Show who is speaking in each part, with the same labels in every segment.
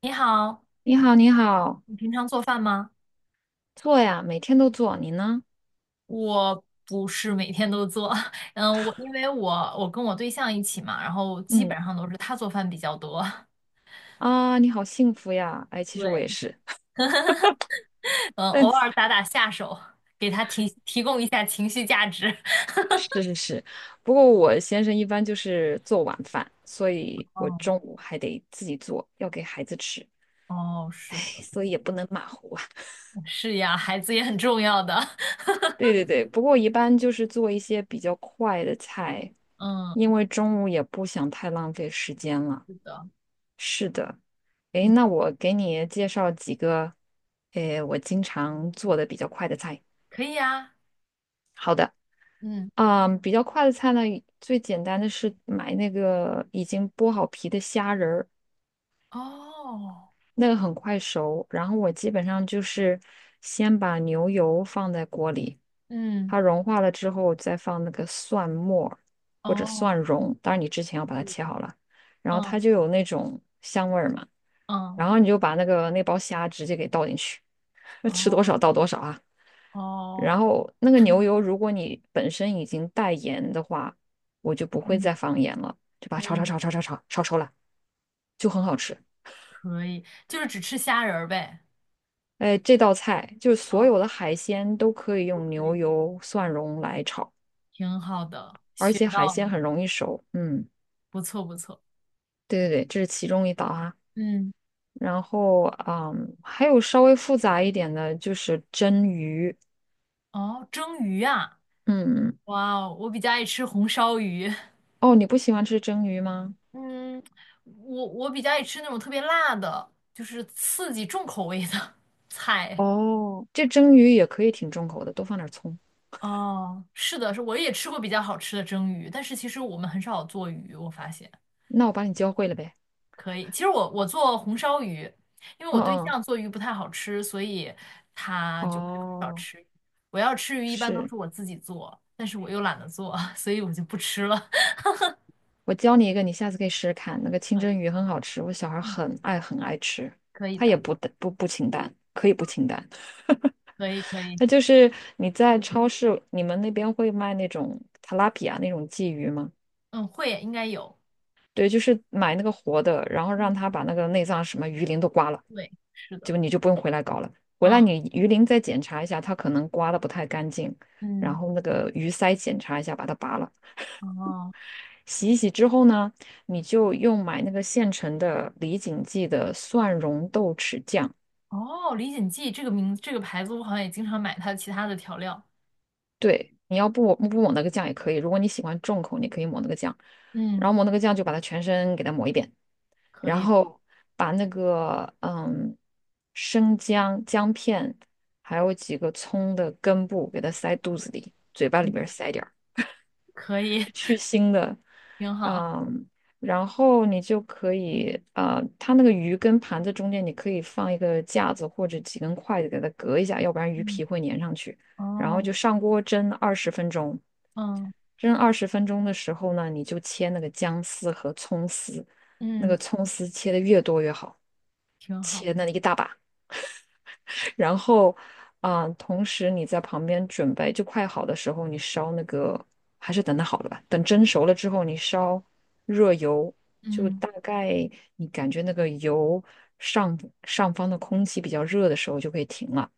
Speaker 1: 你好，
Speaker 2: 你好，你好，
Speaker 1: 你平常做饭吗？
Speaker 2: 做呀，每天都做。你呢？
Speaker 1: 我不是每天都做，嗯，我因为我我跟我对象一起嘛，然后基本
Speaker 2: 嗯
Speaker 1: 上都是他做饭比较多，
Speaker 2: 啊，你好幸福呀！哎，其实我
Speaker 1: 对，
Speaker 2: 也是，
Speaker 1: 嗯，
Speaker 2: 但
Speaker 1: 偶尔打打下手，给他提供一下情绪价值。
Speaker 2: 是是是，不过我先生一般就是做晚饭，所以我
Speaker 1: 嗯，
Speaker 2: 中午还得自己做，要给孩子吃。
Speaker 1: 哦，
Speaker 2: 哎，
Speaker 1: 是的，
Speaker 2: 所以也不能马虎啊。
Speaker 1: 是呀，孩子也很重要的，
Speaker 2: 对对对，不过一般就是做一些比较快的菜，因
Speaker 1: 嗯，
Speaker 2: 为中午也不想太浪费时间了。
Speaker 1: 是的，
Speaker 2: 哎，
Speaker 1: 嗯，
Speaker 2: 那我给你介绍几个，哎，我经常做的比较快的菜。
Speaker 1: 可以呀，
Speaker 2: 好的。
Speaker 1: 嗯，
Speaker 2: 嗯，比较快的菜呢，最简单的是买那个已经剥好皮的虾仁儿，
Speaker 1: 哦，
Speaker 2: 那个很快熟。然后我基本上就是先把牛油放在锅里，
Speaker 1: 嗯，
Speaker 2: 它融化了之后，再放那个蒜末儿或者
Speaker 1: 哦，
Speaker 2: 蒜蓉，当然你之前要
Speaker 1: 可
Speaker 2: 把它
Speaker 1: 以，
Speaker 2: 切好了，然后它
Speaker 1: 嗯
Speaker 2: 就有那种香味儿嘛。
Speaker 1: 嗯，
Speaker 2: 然后你就把那个那包虾直接给倒进去，吃多
Speaker 1: 哦
Speaker 2: 少倒多少啊。
Speaker 1: 哦，
Speaker 2: 然后那个牛 油，如果你本身已经带盐的话，我就不会
Speaker 1: 嗯
Speaker 2: 再放盐了，就把它炒炒
Speaker 1: 嗯。
Speaker 2: 炒炒炒炒炒熟了，就很好吃。
Speaker 1: 可以，就是只吃虾仁儿呗。
Speaker 2: 哎，这道菜就是
Speaker 1: 哦，
Speaker 2: 所有的海鲜都可以
Speaker 1: 都
Speaker 2: 用
Speaker 1: 可
Speaker 2: 牛
Speaker 1: 以，
Speaker 2: 油、蒜蓉来炒，
Speaker 1: 挺好的，
Speaker 2: 而
Speaker 1: 学
Speaker 2: 且
Speaker 1: 到
Speaker 2: 海鲜
Speaker 1: 了，
Speaker 2: 很容易熟。嗯，
Speaker 1: 不错不错。
Speaker 2: 对对对，这是其中一道啊。
Speaker 1: 嗯，
Speaker 2: 然后，还有稍微复杂一点的就是蒸鱼。
Speaker 1: 哦，蒸鱼啊，
Speaker 2: 嗯，
Speaker 1: 哇哦，我比较爱吃红烧鱼。
Speaker 2: 哦，你不喜欢吃蒸鱼吗？
Speaker 1: 嗯，我比较爱吃那种特别辣的，就是刺激重口味的 菜。
Speaker 2: 哦，这蒸鱼也可以挺重口的，多放点葱。
Speaker 1: 哦，是的，是我也吃过比较好吃的蒸鱼，但是其实我们很少做鱼，我发现。
Speaker 2: 那我把你教会了呗。
Speaker 1: 可以，其实我做红烧鱼，因为我
Speaker 2: 嗯
Speaker 1: 对
Speaker 2: 嗯，
Speaker 1: 象做鱼不太好吃，所以我就很少
Speaker 2: 哦，
Speaker 1: 吃鱼我要吃鱼一般都
Speaker 2: 是，
Speaker 1: 是我自己做，但是我又懒得做，所以我就不吃了。
Speaker 2: 我教你一个，你下次可以试试看。那个清
Speaker 1: 可
Speaker 2: 蒸
Speaker 1: 以，
Speaker 2: 鱼很好吃，我小孩
Speaker 1: 嗯，
Speaker 2: 很爱很爱吃，
Speaker 1: 可以
Speaker 2: 他也
Speaker 1: 的，
Speaker 2: 不淡不清淡，可以不清淡。
Speaker 1: 可以可以，
Speaker 2: 那就是你在超市，你们那边会卖那种 tilapia 那种鲫鱼吗？
Speaker 1: 嗯，会应该有，
Speaker 2: 对，就是买那个活的，然后让
Speaker 1: 嗯，
Speaker 2: 他把那个内脏什么鱼鳞都刮了，
Speaker 1: 对，是的，
Speaker 2: 就你就不用回来搞了。回来
Speaker 1: 嗯
Speaker 2: 你鱼鳞再检查一下，它可能刮的不太干净，然
Speaker 1: 嗯，
Speaker 2: 后那个鱼鳃检查一下，把它拔了。
Speaker 1: 哦
Speaker 2: 洗一洗之后呢，你就用买那个现成的李锦记的蒜蓉豆豉酱。
Speaker 1: 哦，李锦记这个名这个牌子，我好像也经常买它其他的调料，
Speaker 2: 对，你要不抹那个酱也可以，如果你喜欢重口，你可以抹那个酱。然
Speaker 1: 嗯，
Speaker 2: 后抹那个酱就把它全身给它抹一遍，
Speaker 1: 可
Speaker 2: 然
Speaker 1: 以，
Speaker 2: 后把那个生姜姜片，还有几个葱的根部给它塞肚子里，嘴巴
Speaker 1: 嗯，
Speaker 2: 里边塞点儿。
Speaker 1: 可以，
Speaker 2: 是去腥的，
Speaker 1: 挺好，
Speaker 2: 嗯，然后你就可以，它那个鱼跟盘子中间你可以放一个架子或者几根筷子给它隔一下，要不然鱼
Speaker 1: 嗯，
Speaker 2: 皮会粘上去。然
Speaker 1: 哦，
Speaker 2: 后就上锅蒸二十分钟，
Speaker 1: 嗯
Speaker 2: 蒸二十分钟的时候呢，你就切那个姜丝和葱丝，那
Speaker 1: 嗯，
Speaker 2: 个葱丝切的越多越好，
Speaker 1: 挺好。
Speaker 2: 切那一大把。然后，啊、同时你在旁边准备，就快好的时候，你烧那个，还是等它好了吧。等蒸熟了之后，你烧热油，就
Speaker 1: 嗯，
Speaker 2: 大概你感觉那个油上上方的空气比较热的时候，就可以停了。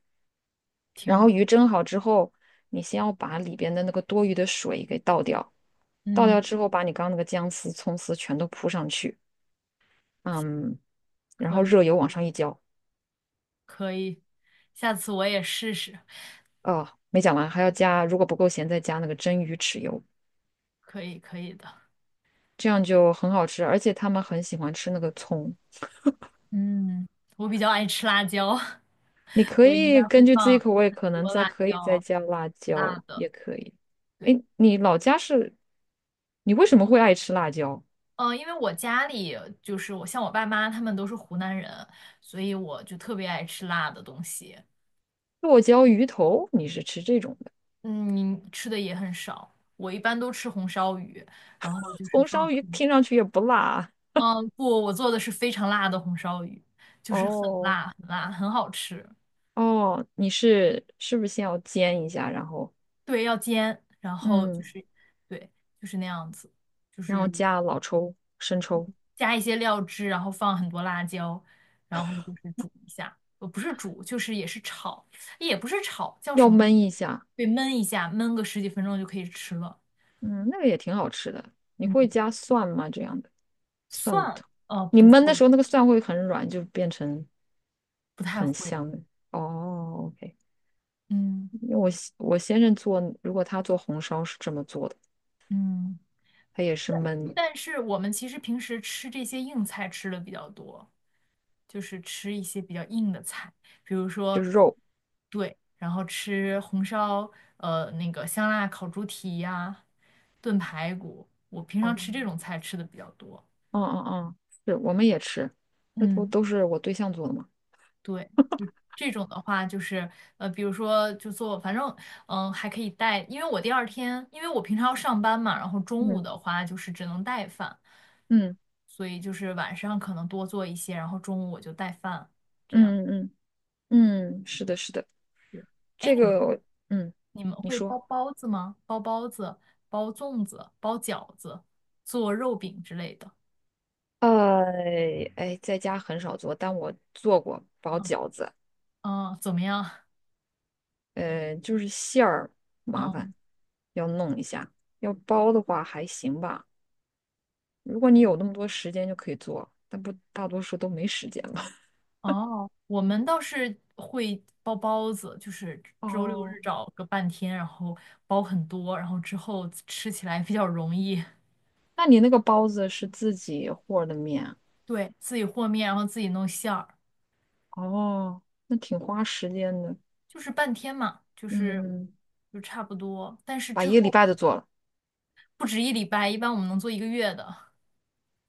Speaker 1: 挺
Speaker 2: 然
Speaker 1: 好，
Speaker 2: 后鱼蒸好之后，你先要把里边的那个多余的水给倒掉，倒掉
Speaker 1: 嗯，
Speaker 2: 之后，把你刚刚那个姜丝、葱丝全都铺上去，嗯，然
Speaker 1: 可
Speaker 2: 后
Speaker 1: 以，
Speaker 2: 热油往上一浇。
Speaker 1: 可以，下次我也试试，
Speaker 2: 哦，没讲完，还要加，如果不够咸，再加那个蒸鱼豉油。
Speaker 1: 可以，可以的。
Speaker 2: 这样就很好吃，而且他们很喜欢吃那个葱。
Speaker 1: 嗯，我比较爱吃辣椒，
Speaker 2: 你 可
Speaker 1: 我应该
Speaker 2: 以
Speaker 1: 会
Speaker 2: 根据自己
Speaker 1: 放
Speaker 2: 口味，
Speaker 1: 很
Speaker 2: 可能
Speaker 1: 多
Speaker 2: 再
Speaker 1: 辣
Speaker 2: 可以再
Speaker 1: 椒，
Speaker 2: 加辣椒，
Speaker 1: 辣的。
Speaker 2: 也可以。
Speaker 1: 对，
Speaker 2: 哎，你老家是，你为什么会爱吃辣椒？
Speaker 1: 因为我家里就是我像我爸妈他们都是湖南人，所以我就特别爱吃辣的东西。
Speaker 2: 剁椒鱼头，你是吃这种的？
Speaker 1: 嗯，吃的也很少，我一般都吃红烧鱼，然后就是
Speaker 2: 红
Speaker 1: 放
Speaker 2: 烧鱼
Speaker 1: 很
Speaker 2: 听上去也不辣
Speaker 1: 嗯，不，我做的是非常辣的红烧鱼，就是很
Speaker 2: 哦
Speaker 1: 辣很辣，很好吃。
Speaker 2: 哦，你是是不是先要煎一下，然后
Speaker 1: 对，要煎，然后就
Speaker 2: 嗯，
Speaker 1: 是，对，就是那样子，就
Speaker 2: 然后
Speaker 1: 是
Speaker 2: 加老抽、生抽，
Speaker 1: 加一些料汁，然后放很多辣椒，然后就是煮一下，不是煮，就是也是炒，也不是炒，叫
Speaker 2: 要
Speaker 1: 什么呢？
Speaker 2: 焖一下，
Speaker 1: 对，焖一下，焖个十几分钟就可以吃了。
Speaker 2: 嗯，那个也挺好吃的。你
Speaker 1: 嗯，
Speaker 2: 会加蒜吗？这样的？蒜
Speaker 1: 蒜，
Speaker 2: 头。你
Speaker 1: 不
Speaker 2: 焖的
Speaker 1: 会，
Speaker 2: 时候，那个蒜会很软，就变成
Speaker 1: 不太
Speaker 2: 很
Speaker 1: 会。
Speaker 2: 香的。哦，OK，
Speaker 1: 嗯
Speaker 2: 因为我先生做，如果他做红烧是这么做的，
Speaker 1: 嗯。
Speaker 2: 他也是焖，
Speaker 1: 但是我们其实平时吃这些硬菜吃的比较多，就是吃一些比较硬的菜，比如
Speaker 2: 就
Speaker 1: 说，
Speaker 2: 是肉。
Speaker 1: 对，然后吃红烧，那个香辣烤猪蹄呀、炖排骨，我平常
Speaker 2: 哦，
Speaker 1: 吃这种菜吃的比较多。
Speaker 2: 哦哦哦，是，我们也吃，那都
Speaker 1: 嗯。
Speaker 2: 都是我对象做的嘛。
Speaker 1: 对，就这种的话，就是比如说就做，反正还可以带，因为我平常要上班嘛，然后中午
Speaker 2: 嗯
Speaker 1: 的话就是只能带饭，
Speaker 2: 嗯
Speaker 1: 所以就是晚上可能多做一些，然后中午我就带饭，这样。
Speaker 2: 嗯嗯嗯，嗯，是的，是的，
Speaker 1: 对，哎，
Speaker 2: 这
Speaker 1: 你们
Speaker 2: 个我嗯，
Speaker 1: 你们
Speaker 2: 你
Speaker 1: 会包
Speaker 2: 说，
Speaker 1: 包子吗？包包子、包粽子、包饺子、做肉饼之类的。
Speaker 2: 呃，哎，在家很少做，但我做过包
Speaker 1: 嗯，
Speaker 2: 饺子。
Speaker 1: 嗯怎么样？
Speaker 2: 就是馅儿麻烦，
Speaker 1: 嗯。
Speaker 2: 要弄一下。要包的话还行吧，如果你有那么多时间就可以做，但不大多数都没时间了。
Speaker 1: 哦，我们倒是会包包子，就是周六
Speaker 2: 哦，
Speaker 1: 日找个半天，然后包很多，然后之后吃起来比较容易。
Speaker 2: 那你那个包子是自己和的面啊
Speaker 1: 对，自己和面，然后自己弄馅儿，
Speaker 2: 哦，那挺花时间的。
Speaker 1: 就是半天嘛，就是
Speaker 2: 嗯，
Speaker 1: 就差不多。但是
Speaker 2: 把
Speaker 1: 之
Speaker 2: 一个礼
Speaker 1: 后
Speaker 2: 拜都做了
Speaker 1: 不止一礼拜，一般我们能做一个月的，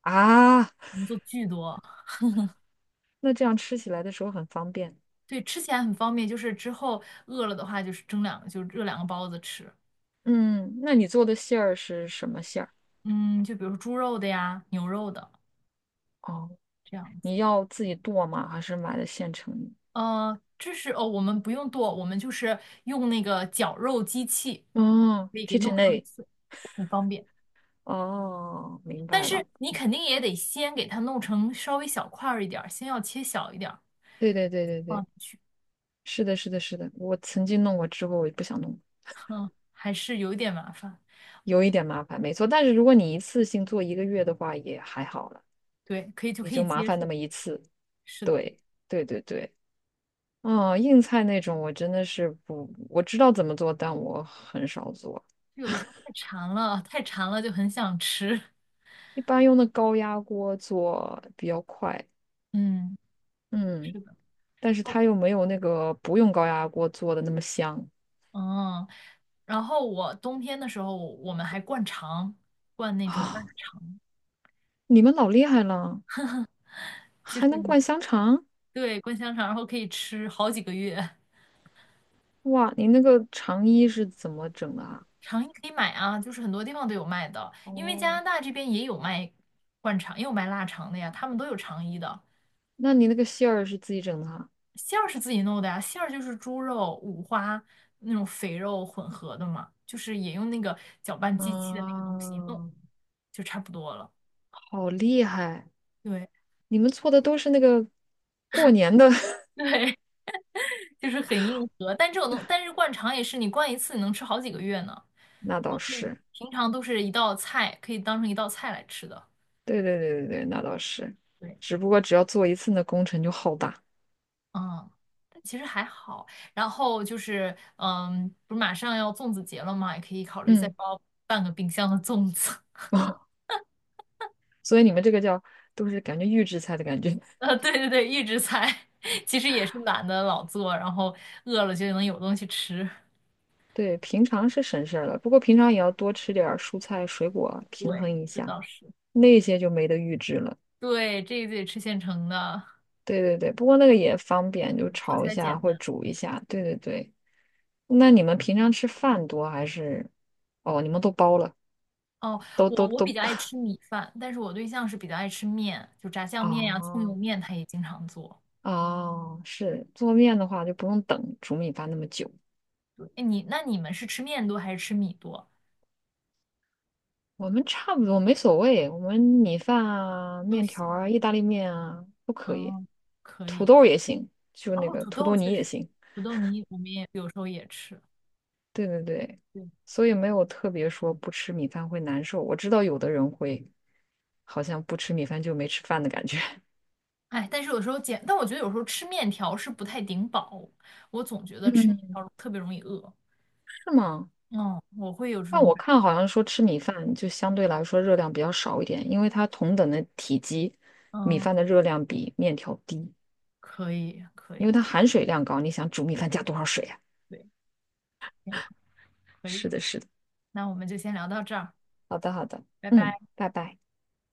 Speaker 2: 啊，
Speaker 1: 我们做巨多。
Speaker 2: 那这样吃起来的时候很方便。
Speaker 1: 对，吃起来很方便，就是之后饿了的话，就是蒸两个，就热两个包子吃。
Speaker 2: 嗯，那你做的馅儿是什么馅儿？
Speaker 1: 嗯，就比如说猪肉的呀，牛肉的
Speaker 2: 哦，
Speaker 1: 这样子。
Speaker 2: 你要自己剁吗？还是买的现成的？
Speaker 1: 这是哦，我们不用剁，我们就是用那个绞肉机器，
Speaker 2: 哦
Speaker 1: 可以给
Speaker 2: k i t
Speaker 1: 弄上很碎，很方便。
Speaker 2: 哦，明
Speaker 1: 但
Speaker 2: 白
Speaker 1: 是
Speaker 2: 了。
Speaker 1: 你肯定也得先给它弄成稍微小块儿一点儿，先要切小一点儿
Speaker 2: 对对对对
Speaker 1: 放
Speaker 2: 对，
Speaker 1: 进去，
Speaker 2: 是的，是的，是的。我曾经弄过之后，我就不想弄了，
Speaker 1: 嗯，还是有一点麻烦。
Speaker 2: 有一点麻烦，没错。但是如果你一次性做一个月的话，也还好了，
Speaker 1: 对，可以就
Speaker 2: 也
Speaker 1: 可
Speaker 2: 就
Speaker 1: 以
Speaker 2: 麻
Speaker 1: 接
Speaker 2: 烦那
Speaker 1: 受。
Speaker 2: 么一次。
Speaker 1: 是的，
Speaker 2: 对，对对对。嗯，硬菜那种我真的是不，我知道怎么做，但我很少做，
Speaker 1: 有的时候太馋了，太馋了就很想吃。
Speaker 2: 一般用的高压锅做比较快。
Speaker 1: 嗯，
Speaker 2: 嗯，
Speaker 1: 是的。
Speaker 2: 但是
Speaker 1: 哦，
Speaker 2: 它又没有那个不用高压锅做的那么香
Speaker 1: 嗯，然后我冬天的时候，我们还灌肠，灌那种腊
Speaker 2: 啊。
Speaker 1: 肠。
Speaker 2: 你们老厉害了，
Speaker 1: 就
Speaker 2: 还
Speaker 1: 是。
Speaker 2: 能灌香肠？
Speaker 1: 对，灌香肠，然后可以吃好几个月。
Speaker 2: 哇，你那个长衣是怎么整的啊？
Speaker 1: 肠衣可以买啊，就是很多地方都有卖的，因为加
Speaker 2: 哦，
Speaker 1: 拿大这边也有卖灌肠，也有卖腊肠的呀，他们都有肠衣的。
Speaker 2: 那你那个馅儿是自己整的啊？
Speaker 1: 馅儿是自己弄的呀，馅儿就是猪肉、五花那种肥肉混合的嘛，就是也用那个搅拌机器的那个东西一弄
Speaker 2: 啊，
Speaker 1: 就差不多了。
Speaker 2: 好厉害！
Speaker 1: 对
Speaker 2: 你们做的都是那个过年的，
Speaker 1: 对，就是很硬核，但这种东，但是灌肠也是你灌一次你能吃好几个月呢，
Speaker 2: 那倒
Speaker 1: 都可以，
Speaker 2: 是，
Speaker 1: 平常都是一道菜，可以当成一道菜来吃的。
Speaker 2: 对对对对对，那倒是。
Speaker 1: 对。
Speaker 2: 只不过只要做一次，那工程就浩大。
Speaker 1: 嗯，但其实还好。然后就是，不是马上要粽子节了嘛，也可以考虑再
Speaker 2: 嗯，
Speaker 1: 包半个冰箱的粽子。
Speaker 2: 所以你们这个叫都是感觉预制菜的感觉。
Speaker 1: 对对对，预制菜 其实也是懒得老做，然后饿了就能有东西吃。
Speaker 2: 对，平常是省事儿了，不过平常也要多吃点儿蔬菜水果，平
Speaker 1: 对，
Speaker 2: 衡一
Speaker 1: 这
Speaker 2: 下，
Speaker 1: 倒是。
Speaker 2: 那些就没得预制了。
Speaker 1: 对，这个得吃现成的，
Speaker 2: 对对对，不过那个也方便，就
Speaker 1: 对，做起
Speaker 2: 炒一
Speaker 1: 来
Speaker 2: 下
Speaker 1: 简
Speaker 2: 或者
Speaker 1: 单。
Speaker 2: 煮一下。对对对，那你们平常吃饭多还是？哦，你们都包了，
Speaker 1: 哦，
Speaker 2: 都
Speaker 1: 我
Speaker 2: 都
Speaker 1: 我比
Speaker 2: 都。
Speaker 1: 较爱 吃米饭，但是我对象是比较爱吃面，就炸酱面呀、葱油
Speaker 2: 哦
Speaker 1: 面，他也经常做。
Speaker 2: 哦，是做面的话就不用等煮米饭那么久。
Speaker 1: 对，哎，你们是吃面多还是吃米多？
Speaker 2: 我们差不多没所谓，我们米饭啊、
Speaker 1: 都
Speaker 2: 面条
Speaker 1: 行。
Speaker 2: 啊、意大利面啊都可以，
Speaker 1: 哦，可
Speaker 2: 土
Speaker 1: 以。
Speaker 2: 豆也行，就那
Speaker 1: 哦，
Speaker 2: 个
Speaker 1: 土
Speaker 2: 土
Speaker 1: 豆
Speaker 2: 豆
Speaker 1: 确
Speaker 2: 泥也
Speaker 1: 实，
Speaker 2: 行。
Speaker 1: 土豆泥我们也有时候也吃。
Speaker 2: 对对对，
Speaker 1: 对，
Speaker 2: 所以没有特别说不吃米饭会难受。我知道有的人会，好像不吃米饭就没吃饭的感觉，
Speaker 1: 哎，但是有时候减，但我觉得有时候吃面条是不太顶饱，我总觉 得吃面
Speaker 2: 嗯，
Speaker 1: 条特别容易饿。
Speaker 2: 是吗？
Speaker 1: 嗯，我会有这
Speaker 2: 但
Speaker 1: 种
Speaker 2: 我
Speaker 1: 感。
Speaker 2: 看好像说吃米饭就相对来说热量比较少一点，因为它同等的体积，米
Speaker 1: 嗯，
Speaker 2: 饭的热量比面条低，
Speaker 1: 可以，可
Speaker 2: 因为它
Speaker 1: 以，
Speaker 2: 含水量高。你想煮米饭加多少水啊？
Speaker 1: 对，挺好，可以。
Speaker 2: 是的，是的。
Speaker 1: 那我们就先聊到这儿，
Speaker 2: 好的，好的，
Speaker 1: 拜拜。
Speaker 2: 嗯，拜拜。